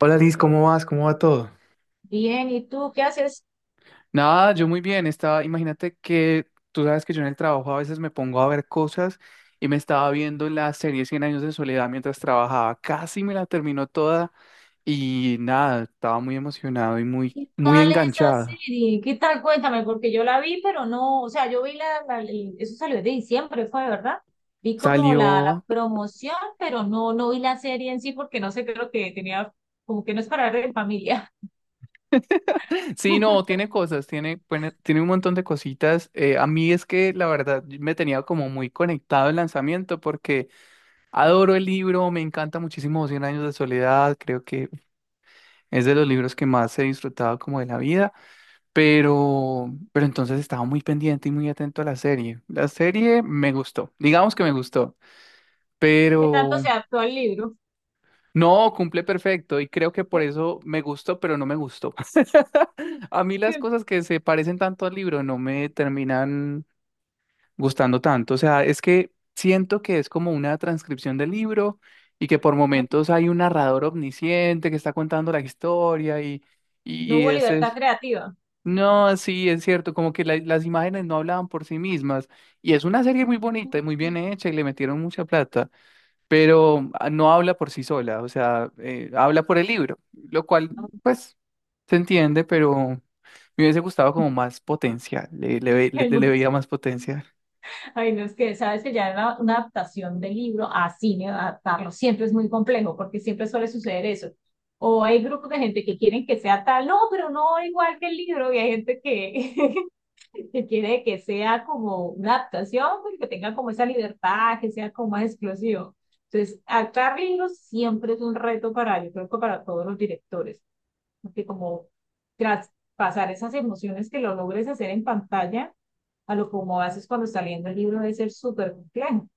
Hola Liz, ¿cómo vas? ¿Cómo va todo? Bien, ¿y tú qué haces? Nada, yo muy bien. Estaba, imagínate que tú sabes que yo en el trabajo a veces me pongo a ver cosas y me estaba viendo la serie Cien años de soledad mientras trabajaba. Casi me la terminó toda y nada, estaba muy emocionado y muy, ¿Qué muy tal es esa enganchado. serie? ¿Qué tal? Cuéntame, porque yo la vi, pero no, o sea, yo vi eso salió de diciembre, fue, ¿verdad? Vi como la Salió. promoción, pero no vi la serie en sí porque no sé, creo que tenía, como que no es para ver en familia. Sí, no, tiene cosas, tiene, bueno, tiene un montón de cositas. A mí es que la verdad me tenía como muy conectado el lanzamiento porque adoro el libro, me encanta muchísimo Cien años de soledad, creo que es de los libros que más he disfrutado como de la vida, pero entonces estaba muy pendiente y muy atento a la serie. La serie me gustó, digamos que me gustó, ¿Qué tanto se pero adaptó al libro? no cumple perfecto y creo que ¿Sí? por eso me gustó, pero no me gustó. A mí las cosas que se parecen tanto al libro no me terminan gustando tanto. O sea, es que siento que es como una transcripción del libro y que por momentos hay un narrador omnisciente que está contando la historia y, y No y hubo ese libertad es... creativa. No, sí, es cierto, como que las imágenes no hablaban por sí mismas. Y es una serie muy bonita y muy bien hecha y le metieron mucha plata, pero no habla por sí sola, o sea, habla por el libro, lo cual, pues, se entiende, pero me hubiese gustado como más potencial, le veía más potencial. Ay, no, es que sabes que una adaptación del libro a cine, adaptarlo siempre es muy complejo porque siempre suele suceder eso. O hay grupos de gente que quieren que sea tal, no, pero no igual que el libro, y hay gente que, que quiere que sea como una adaptación, pero que tenga como esa libertad, que sea como más explosivo. Entonces, adaptar libros siempre es un reto para, yo creo que para todos los directores porque como traspasar esas emociones que lo logres hacer en pantalla a lo como haces cuando está leyendo el libro debe ser súper complejo.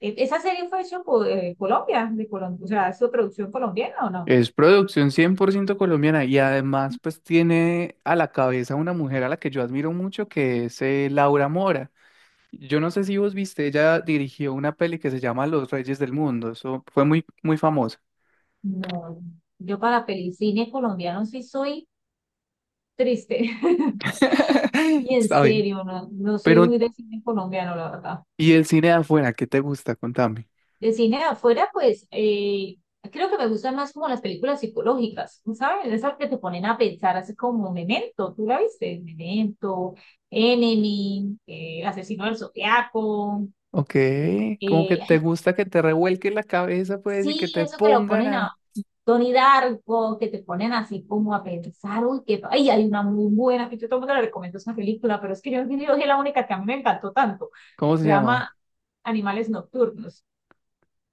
¿Esa serie fue hecha por Colombia, de Colombia, o sea, ¿es su producción colombiana o no? Es producción 100% colombiana y además, pues, tiene a la cabeza una mujer a la que yo admiro mucho, que es Laura Mora. Yo no sé si vos viste, ella dirigió una peli que se llama Los Reyes del Mundo. Eso fue muy famosa. No, yo para pelicine colombiano sí soy triste. Sí, en Está bien. serio, no, no soy Pero, muy de cine colombiano, la verdad. ¿y el cine de afuera? ¿Qué te gusta? Contame. De cine de afuera, pues creo que me gustan más como las películas psicológicas, ¿no ¿sabes? Esas que te ponen a pensar, así como Memento, ¿tú la viste? Memento, Enemy, Asesino del Zodiaco, Ok. Como que te ay, gusta que te revuelque la cabeza, pues, y que sí, te eso que lo pongan ponen a a, Tony Darko, que te ponen así como a pensar, uy, que, ay, hay una muy buena, que yo todo el mundo le recomiendo esa película, pero es que yo es la única que a mí me encantó tanto, ¿cómo se se llama llama? Animales Nocturnos.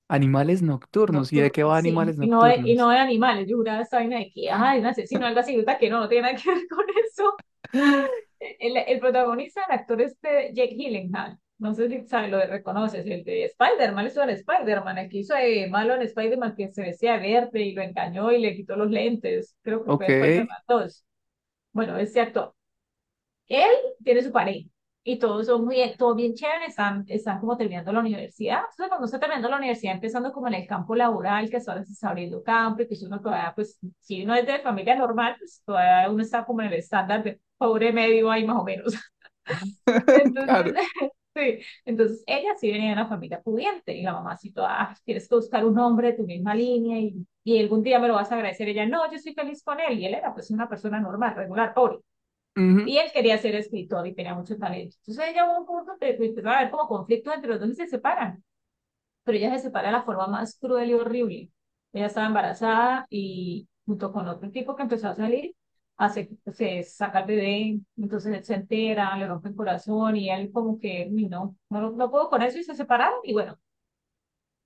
Animales nocturnos. ¿Y de Nocturno, qué va sí. Animales Y Nocturnos? no de animales. Yo juraba esa vaina de que, ay, un asesino, algo así. Resulta que no, no tiene nada que ver con eso. El protagonista, el actor este, Jake Gyllenhaal. No sé si sabes, lo reconoces, el de Spider-Man, eso era Spider-Man, el que hizo de malo en Spider-Man que se decía verde y lo engañó y le quitó los lentes. Creo que fue Ok. Spider-Man 2. Bueno, ese actor. Él tiene su pareja y todos son muy, todo bien chévere, están, están como terminando la universidad. Entonces, cuando está terminando la universidad, empezando como en el campo laboral, que ahora se está abriendo campo y que uno todavía, pues, si uno es de familia normal, pues todavía uno está como en el estándar de pobre medio ahí más o menos. Entonces, Claro. sí. Entonces, ella sí venía de una familia pudiente y la mamá sí toda, "Ah, tienes que buscar un hombre de tu misma línea y algún día me lo vas a agradecer. Ella, no, yo estoy feliz con él y él era pues una persona normal, regular, pobre. Ujú. Y él quería ser escritor y tenía mucho talento. Entonces ella hubo un punto que empezaron a haber como conflictos entre los dos y se separan. Pero ella se separa de la forma más cruel y horrible. Ella estaba embarazada y junto con otro tipo que empezó a salir, hace, se saca el bebé, entonces él se entera, le rompe el corazón y él como que, no, no, no puedo con eso y se separaron. Y bueno,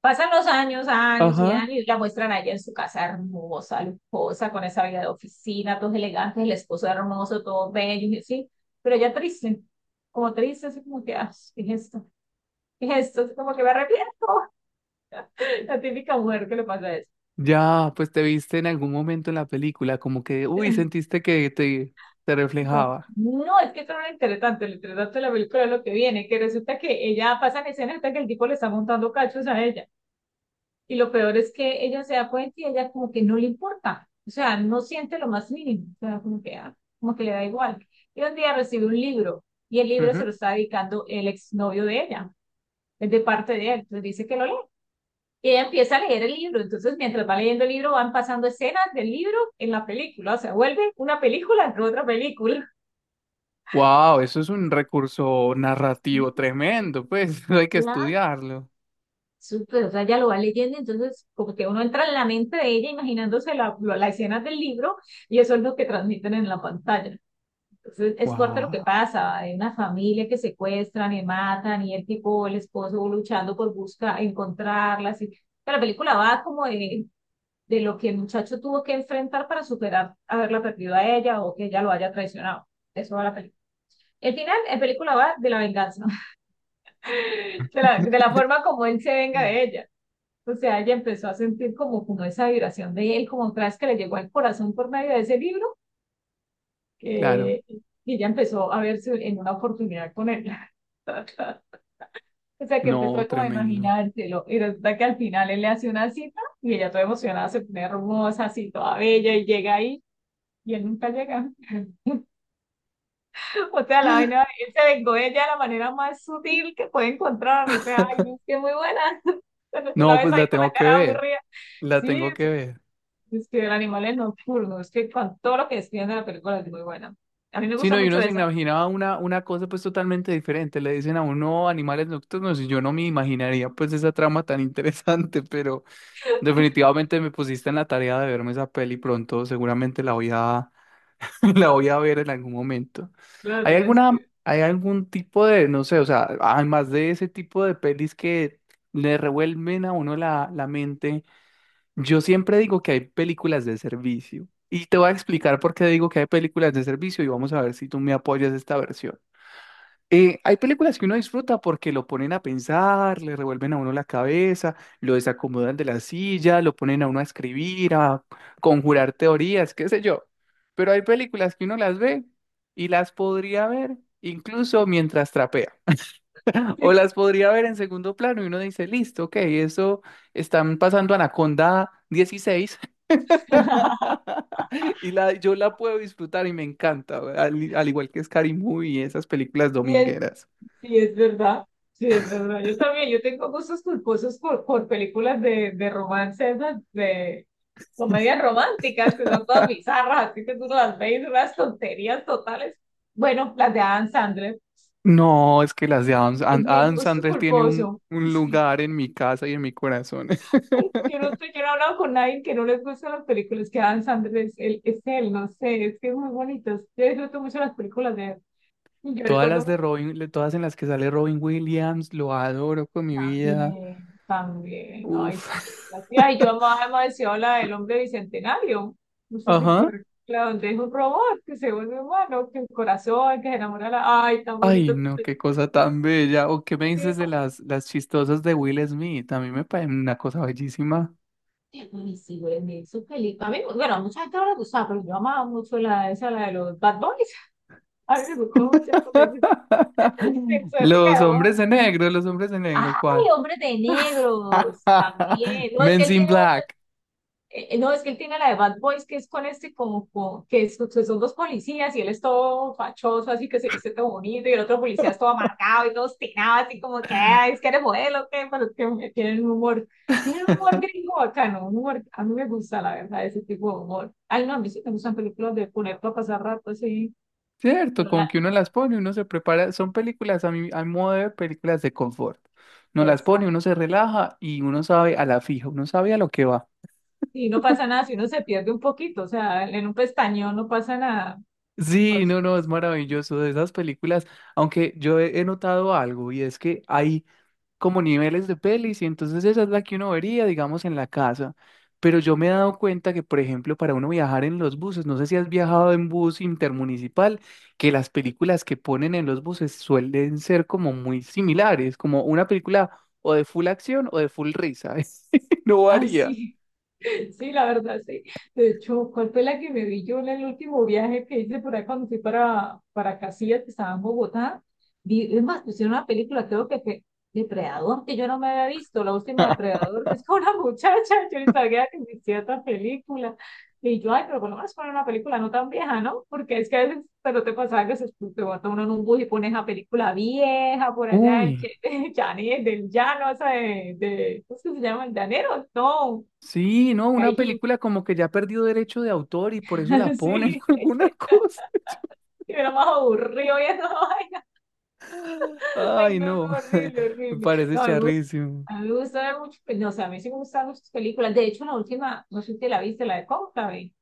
pasan los años, años y Ajá. años, y la muestran allá en su casa hermosa, lujosa, con esa vida de oficina, todos elegantes, el esposo hermoso, todos bellos, y así, pero ella triste, como triste, así como que, ah, ¿qué es esto? ¿Qué es esto? Así como que me arrepiento, la típica mujer que le pasa eso. Ya, pues te viste en algún momento en la película, como que, uy, sentiste que te No, reflejaba. no, es que esto no le interesa tanto, le interesa tanto la película es lo que viene, que resulta que ella pasa en escena hasta que el tipo le está montando cachos a ella. Y lo peor es que ella se da cuenta y ella como que no le importa, o sea, no siente lo más mínimo, o sea, como que, ah, como que le da igual. Y un día recibe un libro y el libro se lo está dedicando el exnovio de ella, es de parte de él, entonces dice que lo lee. Y ella empieza a leer el libro, entonces mientras va leyendo el libro van pasando escenas del libro en la película, o sea, vuelve una película en otra película. Wow, eso es un recurso narrativo tremendo, pues hay que estudiarlo. Súper, o sea, ella lo va leyendo, entonces como que uno entra en la mente de ella imaginándose la escena del libro y eso es lo que transmiten en la pantalla. Entonces es fuerte lo que Wow, pasa, hay una familia que secuestran y matan y el tipo, el esposo luchando por buscar, encontrarlas. Pero la película va como de lo que el muchacho tuvo que enfrentar para superar haberla perdido a ella o que ella lo haya traicionado. De eso va la película. El final, la película va de la venganza, de la forma como él se venga de ella. O sea, ella empezó a sentir como, como esa vibración de él, como otra vez que le llegó al corazón por medio de ese libro, claro, que, y ella empezó a verse en una oportunidad con él. O sea, que no, empezó como a tremendo. imaginárselo, y resulta que al final él le hace una cita, y ella toda emocionada se pone hermosa, así toda bella, y llega ahí, y él nunca llega. O sea, la vaina, él se vengó de ella de la manera más sutil que puede encontrar, o sea, ay, es que muy buena. Cuando tú la No, ves pues la ahí con la tengo que cara ver, aburrida. la Sí, tengo que ver. es que el animal es nocturno, es que con todo lo que describen de la película es muy buena. A mí me Si gusta no, y mucho uno se esa. imaginaba una cosa pues totalmente diferente. Le dicen a uno animales nocturnos y yo no me imaginaría pues esa trama tan interesante, pero definitivamente me pusiste en la tarea de verme esa peli pronto, seguramente la voy a la voy a ver en algún momento. Claro, ¿Hay alguna, hay algún tipo de, no sé, o sea, además de ese tipo de pelis que le revuelven a uno la mente, yo siempre digo que hay películas de servicio. Y te voy a explicar por qué digo que hay películas de servicio y vamos a ver si tú me apoyas esta versión. Hay películas que uno disfruta porque lo ponen a pensar, le revuelven a uno la cabeza, lo desacomodan de la silla, lo ponen a uno a escribir, a conjurar teorías, qué sé yo. Pero hay películas que uno las ve y las podría ver incluso mientras trapea. O las podría ver en segundo plano y uno dice, listo, ok, eso están pasando Anaconda 16 y la, yo la puedo disfrutar y me encanta, al igual que Scary Movie y esas películas sí, domingueras. sí, es verdad. Sí, es verdad. Yo también, yo tengo gustos culposos por películas de romance, esas de comedias románticas, que son todas bizarras, así que tú no las ves, y son unas tonterías totales. Bueno, las de Adam Sandler, No, es que las de es mi Adam gusto Sandler tiene culposo. un lugar en mi casa y en mi corazón. Yo no, sé, yo no he hablado con nadie que no les gustan las películas que Adam Sandler es él, no sé, es que es muy bonito. Yo disfruto mucho las películas de él. Yo Todas las recuerdo de mucho todas en las que sale Robin Williams, lo adoro con mi vida. también, también. Ay, Uf. sí. La tía, y yo amaba demasiado la del hombre bicentenario. No sé si fue Ajá. la donde es un robot que se vuelve humano, que el corazón, que se enamora. La... Ay, tan Ay, bonito. no, qué cosa tan bella. ¿O qué me dices de las chistosas de Will Smith? A mí me parece una cosa bellísima. Sí, sí, güey, su película. A mí, bueno, a mucha gente no le gustaba, pero yo amaba mucho esa, la de los Bad Boys. A mí me gustó mucho en su época Los de oro. hombres de negro, los hombres de Ay, negro, ¿cuál? hombres de negros, también. No, es que Men él in tiene otra, Black. No, es que él tiene la de Bad Boys, que es con este como, que que son dos policías y él es todo fachoso, así que se viste todo bonito, y el otro policía es todo amargado y todo obstinado, así como que, "Ay, es que eres modelo, que, pero es que tienen un humor, tiene un humor gringo bacano, un humor, a mí me gusta, la verdad, ese tipo de humor. Ay, no, a mí sí me gustan películas de poner para pasar rato, así. Cierto, Pero como que uno las pone, uno se prepara, son películas a mi modo de ver, películas de confort. Uno las la, pone, uno se relaja y uno sabe a la fija, uno sabe a lo que va. y no pasa nada si uno se pierde un poquito, o sea, en un pestañeo no pasa nada. Sí, Pues, no, no, es maravilloso de esas películas, aunque yo he notado algo y es que hay como niveles de pelis y entonces esa es la que uno vería, digamos, en la casa. Pero yo me he dado cuenta que, por ejemplo, para uno viajar en los buses, no sé si has viajado en bus intermunicipal, que las películas que ponen en los buses suelen ser como muy similares, como una película o de full acción o de full risa. No ay, varía. sí. Sí, la verdad, sí. De hecho, ¿cuál fue la que me vi yo en el último viaje que hice por ahí cuando fui para Casillas, que estaba en Bogotá? Vi, es más, pusieron una película, creo que fue Depredador, que yo no me había visto, la última Depredador, que es con una muchacha, yo ni sabía que existía esta película. Y yo, ay, pero por lo menos poner una película no tan vieja, ¿no? Porque es que a veces pero te pasaba que se, te bota uno en un bus y pones la película vieja por allá, Uy, Che- Chani, el del llano, esa ¿cómo es que se llama? El llanero, no. sí, no, una película como que ya perdió derecho de autor y por eso la ponen Sí, alguna cosa. y era más aburrido y esa vaina. Ay, Ay, no, no, no, horrible, me horrible. parece No, a mí me gusta, charrísimo. a mí me gusta ver muchas películas, o sea, a mí sí me gustan muchas películas. De hecho, la última, no sé si te la viste, la de Cónclave.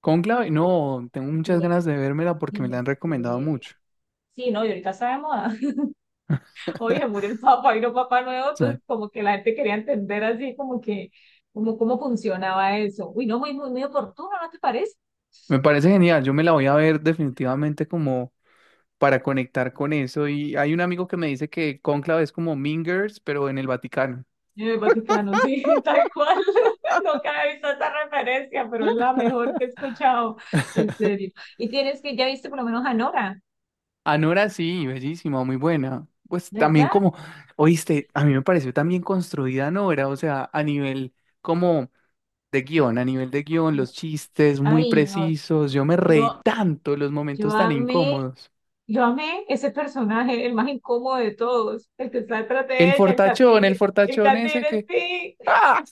Cónclave, no, tengo muchas Tiene- ganas de vérmela porque me la Tienes han que recomendado ver. mucho. Sí, no, y ahorita está de moda. Oye, murió el Papa, vino Papa Nuevo, O sea, entonces como que la gente quería entender así como que, como cómo funcionaba eso. Uy, no, muy, muy, muy oportuno, ¿no te parece? me parece genial, yo me la voy a ver definitivamente como para conectar con eso. Y hay un amigo que me dice que Cónclave es como Mean Girls, pero en el Vaticano. En el Vaticano, sí, tal cual. Nunca había visto esa referencia, pero es la mejor que he escuchado, en serio. Y tienes que, ya viste por lo menos a Nora, Anora sí, bellísima, muy buena. Pues también ¿verdad? como, oíste, a mí me pareció también construida Anora, o sea, a nivel como de guión, a nivel de guión, los chistes muy Ay, no, precisos, yo me reí yo, tanto los yo momentos tan amé, incómodos. yo amé ese personaje, el más incómodo de todos, el que está detrás de ella, El el fortachón ese catire, que... sí. ¡Ah!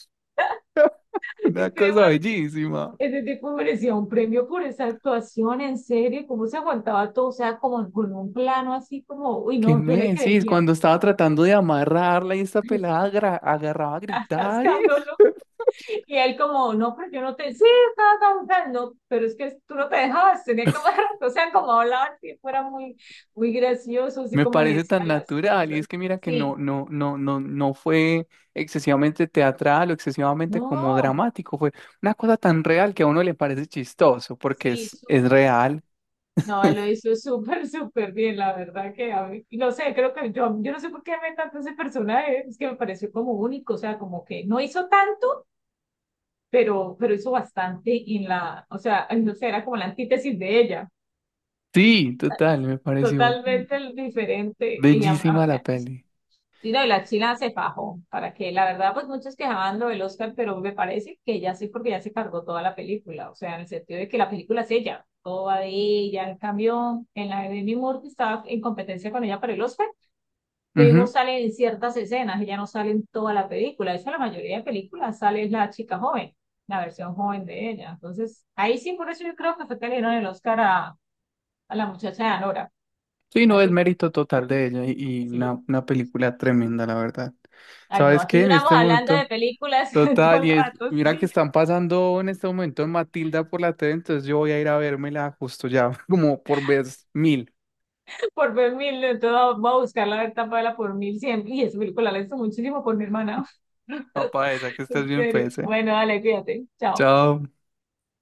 Una Ese, cosa bellísima. ese tipo merecía un premio por esa actuación, en serio, cómo se aguantaba todo, o sea, como con un plano así como, uy, ¿Qué no, yo le me decís? creía. Cuando estaba tratando de amarrarla y esta pelada agarraba a gritar. Y Estás y él como, no, pero yo no te, sí, estaba cantando, pero es que tú no te dejabas, tenía que hablar, o sea, como hablaban, que fuera muy, muy gracioso, así me como le parece decía tan las natural. Y cosas. es que mira que Sí, no fue excesivamente teatral o excesivamente no, como dramático. Fue una cosa tan real que a uno le parece chistoso porque sí, es súper. real. No, él lo hizo súper, súper bien, la verdad que a mí, y no sé, creo que yo no sé por qué me encantó ese personaje, es que me pareció como único, o sea, como que no hizo tanto, pero hizo bastante en la, o sea, ay, no sé, era como la antítesis de ella, Sí, total, me pareció totalmente diferente, bellísima la peli. sí, no, y la China se fajó, para que la verdad, pues muchos quejaban lo del Oscar, pero me parece que ya sí, porque ya se cargó toda la película, o sea, en el sentido de que la película es ella, todo va de ella, en cambio, en la de Demi Moore, que estaba en competencia con ella para el Oscar, Demi Moore sale en ciertas escenas, ella no sale en toda la película, de hecho, la mayoría de películas sale la chica joven, la versión joven de ella, entonces, ahí sí, por eso yo creo que fue que le dieron el Oscar a la muchacha de Anora, Sí, a no, es ese- mérito total de ella y sí. una película tremenda, la verdad. Ay, no, ¿Sabes aquí qué? En duramos este hablando momento, de películas todo total, el y es, rato, mira que sí, están pasando en este momento en Matilda por la tele, entonces yo voy a ir a vérmela justo ya, como por vez mil. por ver mil, entonces voy a buscar la verdad por mil siempre. Y esa película la he visto muchísimo por mi hermana, Papá, esa que estés en bien, serio. pues, ¿eh? Bueno, dale, fíjate, chao. Chao.